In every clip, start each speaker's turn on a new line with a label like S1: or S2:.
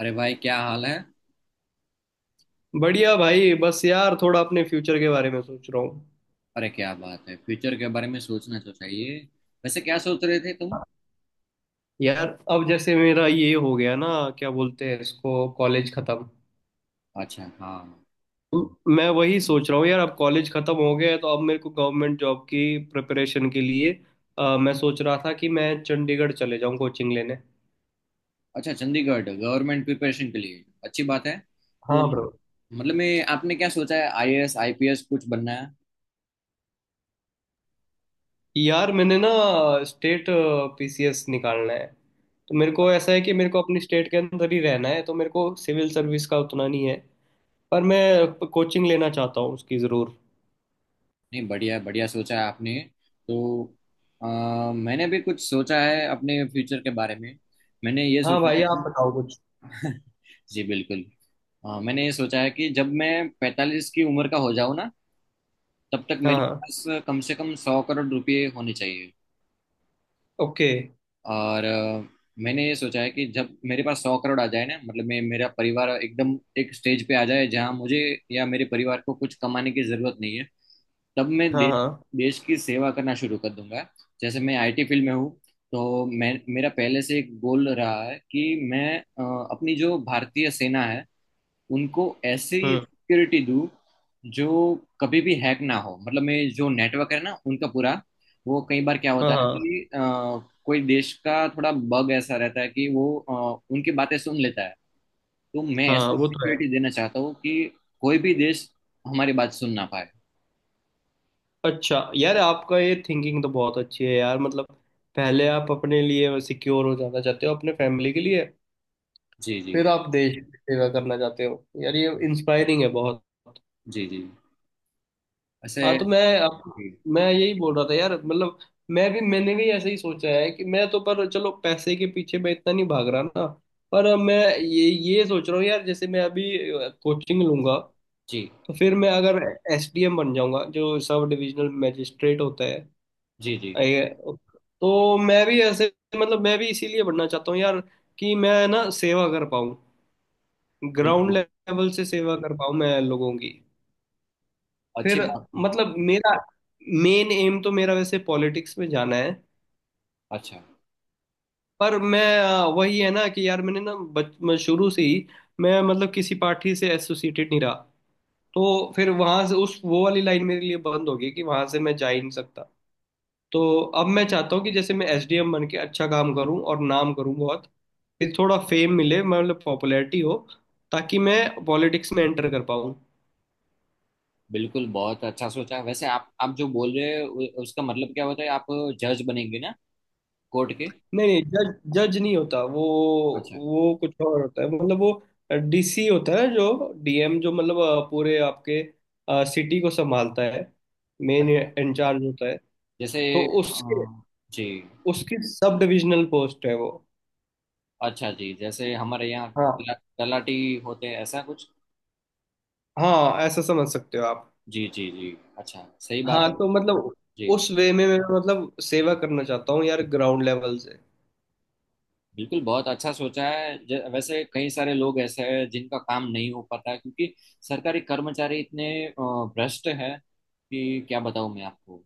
S1: अरे भाई क्या हाल है।
S2: बढ़िया भाई, बस यार थोड़ा अपने फ्यूचर के बारे में सोच रहा हूँ।
S1: अरे क्या बात है, फ्यूचर के बारे में सोचना तो चाहिए। वैसे क्या सोच रहे थे तुम।
S2: यार अब जैसे मेरा ये हो गया ना, क्या बोलते हैं इसको, कॉलेज खत्म।
S1: अच्छा हाँ।
S2: मैं वही सोच रहा हूँ यार। अब कॉलेज खत्म हो गया है तो अब मेरे को गवर्नमेंट जॉब की प्रिपरेशन के लिए, मैं सोच रहा था कि मैं चंडीगढ़ चले जाऊँ कोचिंग लेने।
S1: अच्छा, चंडीगढ़ गवर्नमेंट प्रिपरेशन के लिए अच्छी बात है। तो
S2: हाँ ब्रो।
S1: मतलब मैं आपने क्या सोचा है, आईएएस आईपीएस कुछ बनना है।
S2: यार मैंने ना स्टेट पीसीएस निकालना है। तो मेरे को ऐसा है कि मेरे को अपनी स्टेट के अंदर ही रहना है, तो मेरे को सिविल सर्विस का उतना नहीं है, पर मैं कोचिंग लेना चाहता हूँ उसकी ज़रूर।
S1: नहीं, बढ़िया बढ़िया सोचा है आपने। तो अ, मैंने भी कुछ सोचा है अपने फ्यूचर के बारे में। मैंने ये
S2: हाँ
S1: सोचा
S2: भाई,
S1: है
S2: आप
S1: कि
S2: बताओ कुछ।
S1: जी बिल्कुल। मैंने ये सोचा है कि जब मैं 45 की उम्र का हो जाऊँ ना, तब तक
S2: हाँ
S1: मेरे
S2: हाँ।
S1: पास कम से कम 100 करोड़ रुपए होने चाहिए।
S2: ओके।
S1: और मैंने ये सोचा है कि जब मेरे पास 100 करोड़ आ जाए ना, मतलब मैं मेरा परिवार एकदम एक स्टेज पे आ जाए जहाँ मुझे या मेरे परिवार को कुछ कमाने की जरूरत नहीं है, तब मैं
S2: हाँ
S1: देश
S2: हाँ।
S1: देश की सेवा करना शुरू कर दूंगा। जैसे मैं आईटी फील्ड में हूँ, तो मैं मेरा पहले से एक गोल रहा है कि मैं अपनी जो भारतीय सेना है उनको ऐसी
S2: हम्म।
S1: सिक्योरिटी दूं जो कभी भी हैक ना हो। मतलब मैं जो नेटवर्क है ना उनका पूरा, वो कई बार क्या होता
S2: हाँ
S1: है
S2: हाँ।
S1: कि कोई देश का थोड़ा बग ऐसा रहता है कि वो उनकी बातें सुन लेता है। तो मैं
S2: हाँ,
S1: ऐसी
S2: वो तो है।
S1: सिक्योरिटी देना चाहता हूँ कि कोई भी देश हमारी बात सुन ना पाए।
S2: अच्छा यार, आपका ये थिंकिंग तो बहुत अच्छी है यार, मतलब पहले आप अपने लिए सिक्योर हो जाना चाहते हो, अपने फैमिली के लिए,
S1: जी जी
S2: फिर आप देश की सेवा करना चाहते हो। यार ये इंस्पायरिंग है बहुत।
S1: जी जी ऐसे।
S2: हाँ तो
S1: जी
S2: मैं यही बोल रहा था यार, मतलब मैंने भी ऐसे ही सोचा है कि मैं तो, पर चलो पैसे के पीछे मैं इतना नहीं भाग रहा ना। पर मैं ये सोच रहा हूँ यार, जैसे मैं अभी कोचिंग लूंगा
S1: जी
S2: तो फिर मैं अगर एसडीएम बन जाऊंगा, जो सब डिविजनल मैजिस्ट्रेट होता है।
S1: जी जी
S2: आई- तो मैं भी ऐसे, मतलब मैं भी इसीलिए बनना चाहता हूँ यार, कि मैं ना सेवा कर पाऊँ, ग्राउंड
S1: बिल्कुल।
S2: लेवल से सेवा कर पाऊँ मैं लोगों की।
S1: अच्छी
S2: फिर,
S1: बात है।
S2: मतलब मेरा, मेन एम तो मेरा वैसे पॉलिटिक्स में जाना है।
S1: अच्छा।
S2: पर मैं, वही है ना कि यार मैंने ना बच मैं शुरू से ही, मैं मतलब किसी पार्टी से एसोसिएटेड नहीं रहा। तो फिर वहां से उस वो वाली लाइन मेरे लिए बंद होगी, कि वहां से मैं जा ही नहीं सकता। तो अब मैं चाहता हूँ कि जैसे मैं एसडीएम बन के अच्छा काम करूँ और नाम करूँ बहुत, फिर थोड़ा फेम मिले, मतलब पॉपुलैरिटी हो, ताकि मैं पॉलिटिक्स में एंटर कर पाऊँ।
S1: बिल्कुल बहुत अच्छा सोचा। वैसे आप जो बोल रहे हो उसका मतलब क्या होता है, आप जज बनेंगे ना, कोर्ट के।
S2: नहीं नहीं, जज जज नहीं होता वो।
S1: अच्छा।
S2: वो कुछ और होता है, मतलब वो डीसी होता है, जो डीएम, जो मतलब पूरे आपके सिटी को संभालता है, मेन
S1: अच्छा
S2: इंचार्ज होता है।
S1: जैसे
S2: तो उसके
S1: अ, जी।
S2: उसकी सब डिविजनल पोस्ट है वो।
S1: अच्छा जी, जैसे हमारे यहाँ
S2: हाँ
S1: तलाटी होते हैं, ऐसा कुछ।
S2: हाँ, ऐसा समझ सकते हो आप।
S1: जी जी जी। अच्छा सही बात
S2: हाँ
S1: है।
S2: तो मतलब
S1: जी।
S2: उस वे में मैं, मतलब सेवा करना चाहता हूँ यार, ग्राउंड लेवल से।
S1: बिल्कुल बहुत अच्छा सोचा है। वैसे कई सारे लोग ऐसे हैं जिनका काम नहीं हो पाता है, क्योंकि सरकारी कर्मचारी इतने भ्रष्ट है कि क्या बताऊं मैं आपको।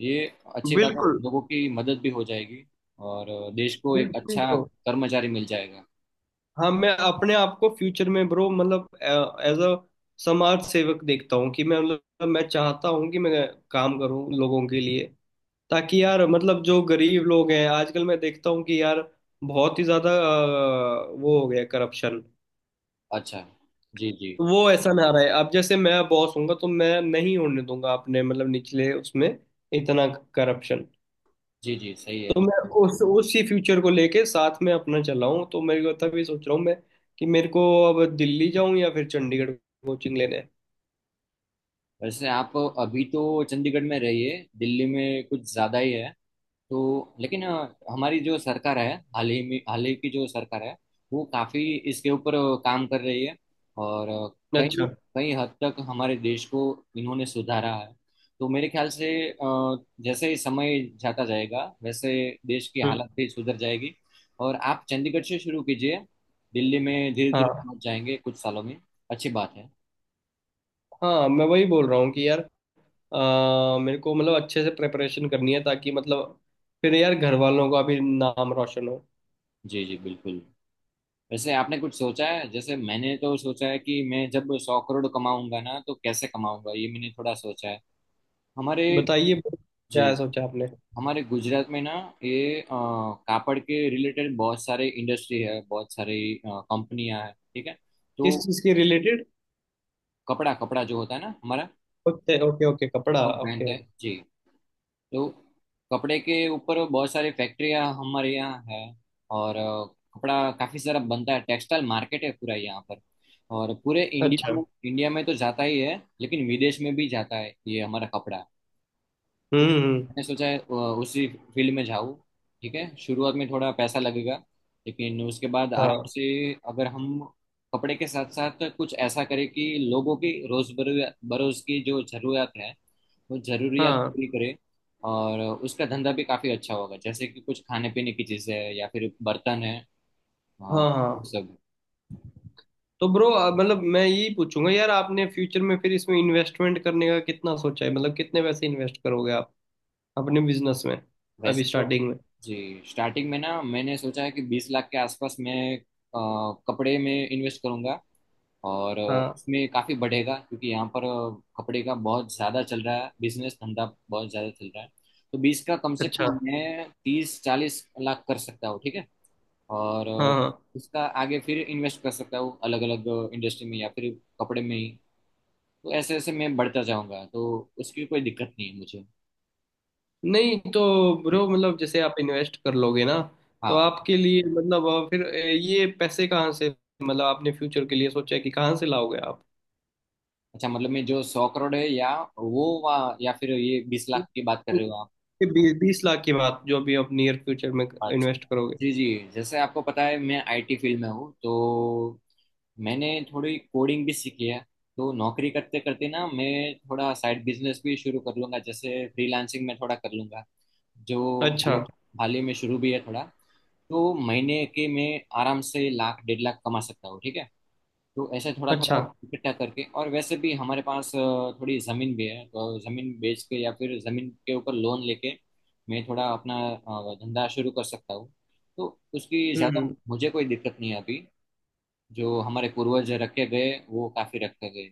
S1: ये अच्छी बात है,
S2: बिल्कुल।
S1: लोगों की मदद भी हो जाएगी, और देश को एक
S2: बिल्कुल
S1: अच्छा
S2: bro।
S1: कर्मचारी मिल जाएगा।
S2: हाँ, मैं अपने आप को फ्यूचर में ब्रो, मतलब एज अ समाज सेवक देखता हूँ, कि मैं, मतलब मैं चाहता हूँ कि मैं काम करूँ लोगों के लिए, ताकि यार, मतलब जो गरीब लोग हैं आजकल, मैं देखता हूँ कि यार बहुत ही ज्यादा वो हो गया करप्शन।
S1: अच्छा। जी जी
S2: वो ऐसा ना रहे, अब जैसे मैं बॉस हूंगा तो मैं नहीं होने दूंगा अपने, मतलब निचले उसमें, इतना करप्शन।
S1: जी जी सही है।
S2: तो मैं उस उसी फ्यूचर को लेके साथ में अपना चला हूँ, तो मेरे को तब ये सोच रहा हूँ मैं कि मेरे को अब दिल्ली जाऊँ या फिर चंडीगढ़ कोचिंग लेने।
S1: वैसे आप अभी तो चंडीगढ़ में रहिए, दिल्ली में कुछ ज़्यादा ही है। तो लेकिन हमारी जो सरकार है, हाल ही में हाल ही की जो सरकार है, वो काफ़ी इसके ऊपर काम कर रही है। और
S2: अच्छा।
S1: कई कई हद तक हमारे देश को इन्होंने सुधारा है। तो मेरे ख्याल से जैसे ही समय जाता जाएगा, वैसे देश की
S2: हम्म।
S1: हालत भी सुधर जाएगी। और आप चंडीगढ़ से शुरू कीजिए, दिल्ली में धीरे धीरे
S2: हाँ
S1: पहुंच जाएंगे कुछ सालों में। अच्छी बात है।
S2: हाँ, मैं वही बोल रहा हूँ कि यार मेरे को, मतलब अच्छे से प्रिपरेशन करनी है, ताकि मतलब फिर यार घर वालों का भी नाम रोशन हो।
S1: जी जी बिल्कुल। वैसे आपने कुछ सोचा है? जैसे मैंने तो सोचा है कि मैं जब सौ करोड़ कमाऊंगा ना, तो कैसे कमाऊंगा ये मैंने थोड़ा सोचा है। हमारे
S2: बताइए
S1: जी,
S2: क्या सोचा आपने।
S1: हमारे गुजरात में ना ये कापड़ के रिलेटेड बहुत सारे इंडस्ट्री है, बहुत सारी कंपनियां हैं, ठीक है। तो
S2: किस चीज़ के रिलेटेड।
S1: कपड़ा कपड़ा जो होता है ना हमारा,
S2: ओके ओके ओके, कपड़ा,
S1: वो पहनते
S2: ओके।
S1: हैं जी। तो कपड़े के ऊपर बहुत सारी फैक्ट्रियां हमारे यहाँ है, और कपड़ा काफी सारा बनता है, टेक्सटाइल मार्केट है पूरा यहाँ पर। और पूरे
S2: अच्छा।
S1: इंडिया में तो जाता ही है, लेकिन विदेश में भी जाता है ये हमारा कपड़ा। तो
S2: हम्म।
S1: मैंने सोचा है उसी फील्ड में जाऊँ। ठीक है, शुरुआत में थोड़ा पैसा लगेगा लेकिन उसके बाद आराम
S2: हाँ
S1: से, अगर हम कपड़े के साथ साथ कुछ ऐसा करें कि लोगों की रोज बरोज की जो जरूरत है वो जरूरियात
S2: हाँ।
S1: पूरी करें, और उसका धंधा भी काफी अच्छा होगा। जैसे कि कुछ खाने पीने की चीजें हैं या फिर बर्तन है, वो
S2: हाँ हाँ।
S1: सब।
S2: तो ब्रो, मतलब मैं यही पूछूंगा यार, आपने फ्यूचर में फिर इसमें इन्वेस्टमेंट करने का कितना सोचा है, मतलब कितने पैसे इन्वेस्ट करोगे आप अपने बिजनेस में,
S1: वैसे
S2: अभी
S1: तो
S2: स्टार्टिंग में।
S1: जी स्टार्टिंग में ना मैंने सोचा है कि 20 लाख के आसपास मैं अ, कपड़े में इन्वेस्ट करूंगा। और
S2: हाँ।
S1: इसमें काफी बढ़ेगा, क्योंकि यहाँ पर कपड़े का बहुत ज्यादा चल रहा है, बिजनेस धंधा बहुत ज्यादा चल रहा है। तो 20 का कम से
S2: अच्छा।
S1: कम मैं 30 40 लाख कर सकता हूँ, ठीक है। और
S2: हाँ हाँ।
S1: उसका आगे फिर इन्वेस्ट कर सकता हूँ अलग अलग इंडस्ट्री में, या फिर कपड़े में ही। तो ऐसे ऐसे मैं बढ़ता जाऊंगा, तो उसकी कोई दिक्कत नहीं है मुझे।
S2: नहीं तो ब्रो, मतलब जैसे आप इन्वेस्ट कर लोगे ना, तो
S1: हाँ।
S2: आपके लिए, मतलब फिर ये पैसे कहाँ से, मतलब आपने फ्यूचर के लिए सोचा है कि कहाँ से लाओगे आप।
S1: अच्छा, मतलब मैं जो 100 करोड़ है या या फिर ये 20 लाख की बात कर रहे हो आप।
S2: बीस बीस लाख की बात, जो अभी आप नियर फ्यूचर में
S1: अच्छा
S2: इन्वेस्ट करोगे।
S1: जी जी, जैसे आपको पता है मैं आईटी फील्ड में हूँ, तो मैंने थोड़ी कोडिंग भी सीखी है। तो नौकरी करते करते ना मैं थोड़ा साइड बिजनेस भी शुरू कर लूंगा, जैसे फ्रीलांसिंग में थोड़ा कर लूंगा, जो
S2: अच्छा।
S1: हाल हाल ही में शुरू भी है थोड़ा। तो महीने के मैं आराम से लाख डेढ़ लाख कमा सकता हूँ, ठीक है। तो ऐसे थोड़ा
S2: अच्छा।
S1: थोड़ा इकट्ठा करके, और वैसे भी हमारे पास थोड़ी जमीन भी है, तो जमीन बेच के या फिर जमीन के ऊपर लोन लेके मैं थोड़ा अपना धंधा शुरू कर सकता हूँ। तो उसकी ज्यादा
S2: हम्म।
S1: मुझे कोई दिक्कत नहीं है अभी। जो हमारे पूर्वज रखे गए वो काफी रखे गए।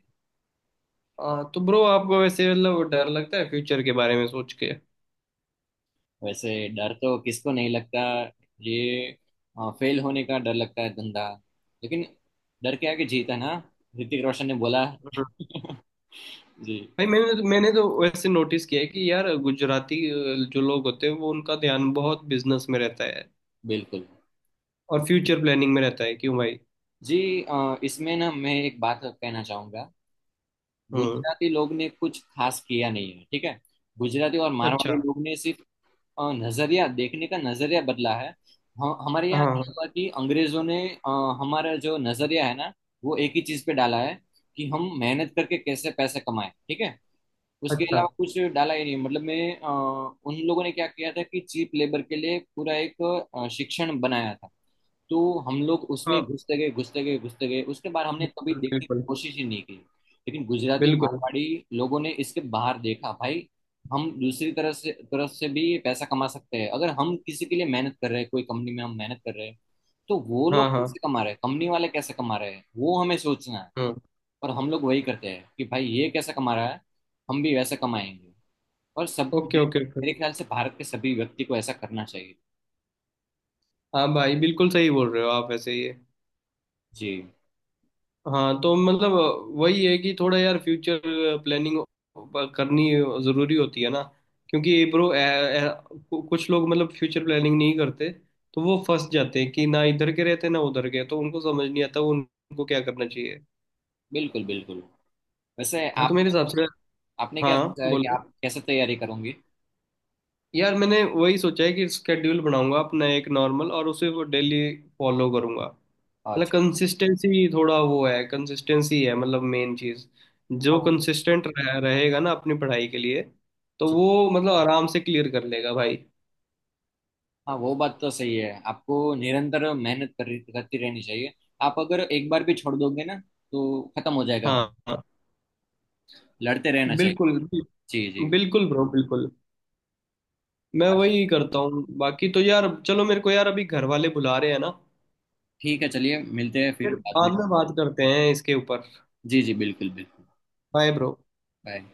S2: हाँ तो ब्रो, आपको वैसे मतलब डर लगता है फ्यूचर के बारे में सोच के।
S1: वैसे डर तो किसको नहीं लगता। ये फेल होने का डर लगता है, धंधा। लेकिन डर के आगे जीत है ना, ऋतिक रोशन ने बोला।
S2: हम्म।
S1: जी
S2: भाई, मैंने तो वैसे नोटिस किया है कि यार गुजराती जो लोग होते हैं वो, उनका ध्यान बहुत बिजनेस में रहता है
S1: बिल्कुल।
S2: और फ्यूचर प्लानिंग में रहता है, क्यों भाई।
S1: जी इसमें ना मैं एक बात कहना चाहूंगा,
S2: हम्म।
S1: गुजराती लोग ने कुछ खास किया नहीं है, ठीक है। गुजराती और मारवाड़ी
S2: अच्छा।
S1: लोग ने सिर्फ नजरिया, देखने का नजरिया बदला है। हम हमारे
S2: हाँ
S1: यहाँ क्या
S2: हाँ।
S1: हुआ कि अंग्रेजों ने हमारा जो नजरिया है ना वो एक ही चीज पे डाला है, कि हम मेहनत करके कैसे पैसे कमाएं, ठीक है। उसके
S2: अच्छा।
S1: अलावा कुछ डाला ही नहीं। मतलब मैं अ, उन लोगों ने क्या किया था कि चीप लेबर के लिए पूरा एक शिक्षण बनाया था। तो हम लोग उसमें
S2: हाँ
S1: घुसते गए उसके बाद हमने कभी
S2: बिल्कुल
S1: देखने की
S2: बिल्कुल
S1: कोशिश ही नहीं की। लेकिन गुजराती
S2: बिल्कुल।
S1: मारवाड़ी लोगों ने इसके बाहर देखा भाई, हम दूसरी तरह से तरफ से भी पैसा कमा सकते हैं। अगर हम किसी के लिए मेहनत कर रहे हैं, कोई कंपनी में हम मेहनत कर रहे हैं, तो वो
S2: हाँ
S1: लोग
S2: हाँ।
S1: कैसे कमा रहे हैं, कंपनी वाले कैसे कमा रहे हैं, वो हमें सोचना है।
S2: हम्म।
S1: और हम लोग वही करते हैं कि भाई ये कैसे कमा रहा है, हम भी वैसे कमाएंगे। और सब
S2: ओके ओके
S1: मेरे
S2: ओके।
S1: ख्याल से भारत के सभी व्यक्ति को ऐसा करना चाहिए।
S2: हाँ भाई, बिल्कुल सही बोल रहे हो आप वैसे ये।
S1: जी
S2: हाँ तो मतलब वही है कि थोड़ा यार फ्यूचर प्लानिंग करनी ज़रूरी होती है ना, क्योंकि ब्रो कुछ लोग मतलब फ्यूचर प्लानिंग नहीं करते, तो वो फंस जाते हैं कि ना इधर के रहते ना उधर के, तो उनको समझ नहीं आता वो उनको क्या करना चाहिए।
S1: बिल्कुल बिल्कुल। वैसे
S2: हाँ तो मेरे
S1: आपने
S2: हिसाब से।
S1: आपने क्या
S2: हाँ
S1: सोचा है कि
S2: बोलो।
S1: आप कैसे तैयारी करूंगी।
S2: यार मैंने वही सोचा है कि स्केड्यूल बनाऊंगा अपना एक नॉर्मल, और उसे वो डेली फॉलो करूंगा, मतलब
S1: अच्छा
S2: कंसिस्टेंसी, थोड़ा वो है कंसिस्टेंसी है, मतलब मेन चीज। जो
S1: हाँ वो
S2: कंसिस्टेंट रहेगा ना अपनी पढ़ाई के लिए, तो
S1: जी,
S2: वो मतलब आराम से क्लियर कर लेगा भाई।
S1: हाँ वो बात तो सही है, आपको निरंतर मेहनत कर करती रहनी चाहिए। आप अगर एक बार भी छोड़ दोगे ना, तो खत्म हो जाएगा
S2: हाँ
S1: वहाँ।
S2: हाँ।
S1: लड़ते रहना चाहिए।
S2: बिल्कुल।
S1: जी जी।
S2: बिल्कुल ब्रो, बिल्कुल। मैं वही करता हूँ, बाकी तो यार चलो, मेरे को यार अभी घर वाले बुला रहे हैं ना।
S1: ठीक है, चलिए मिलते हैं फिर
S2: फिर
S1: बाद में।
S2: बाद में बात करते हैं इसके ऊपर।
S1: जी जी बिल्कुल बिल्कुल।
S2: Bye bro.
S1: बाय।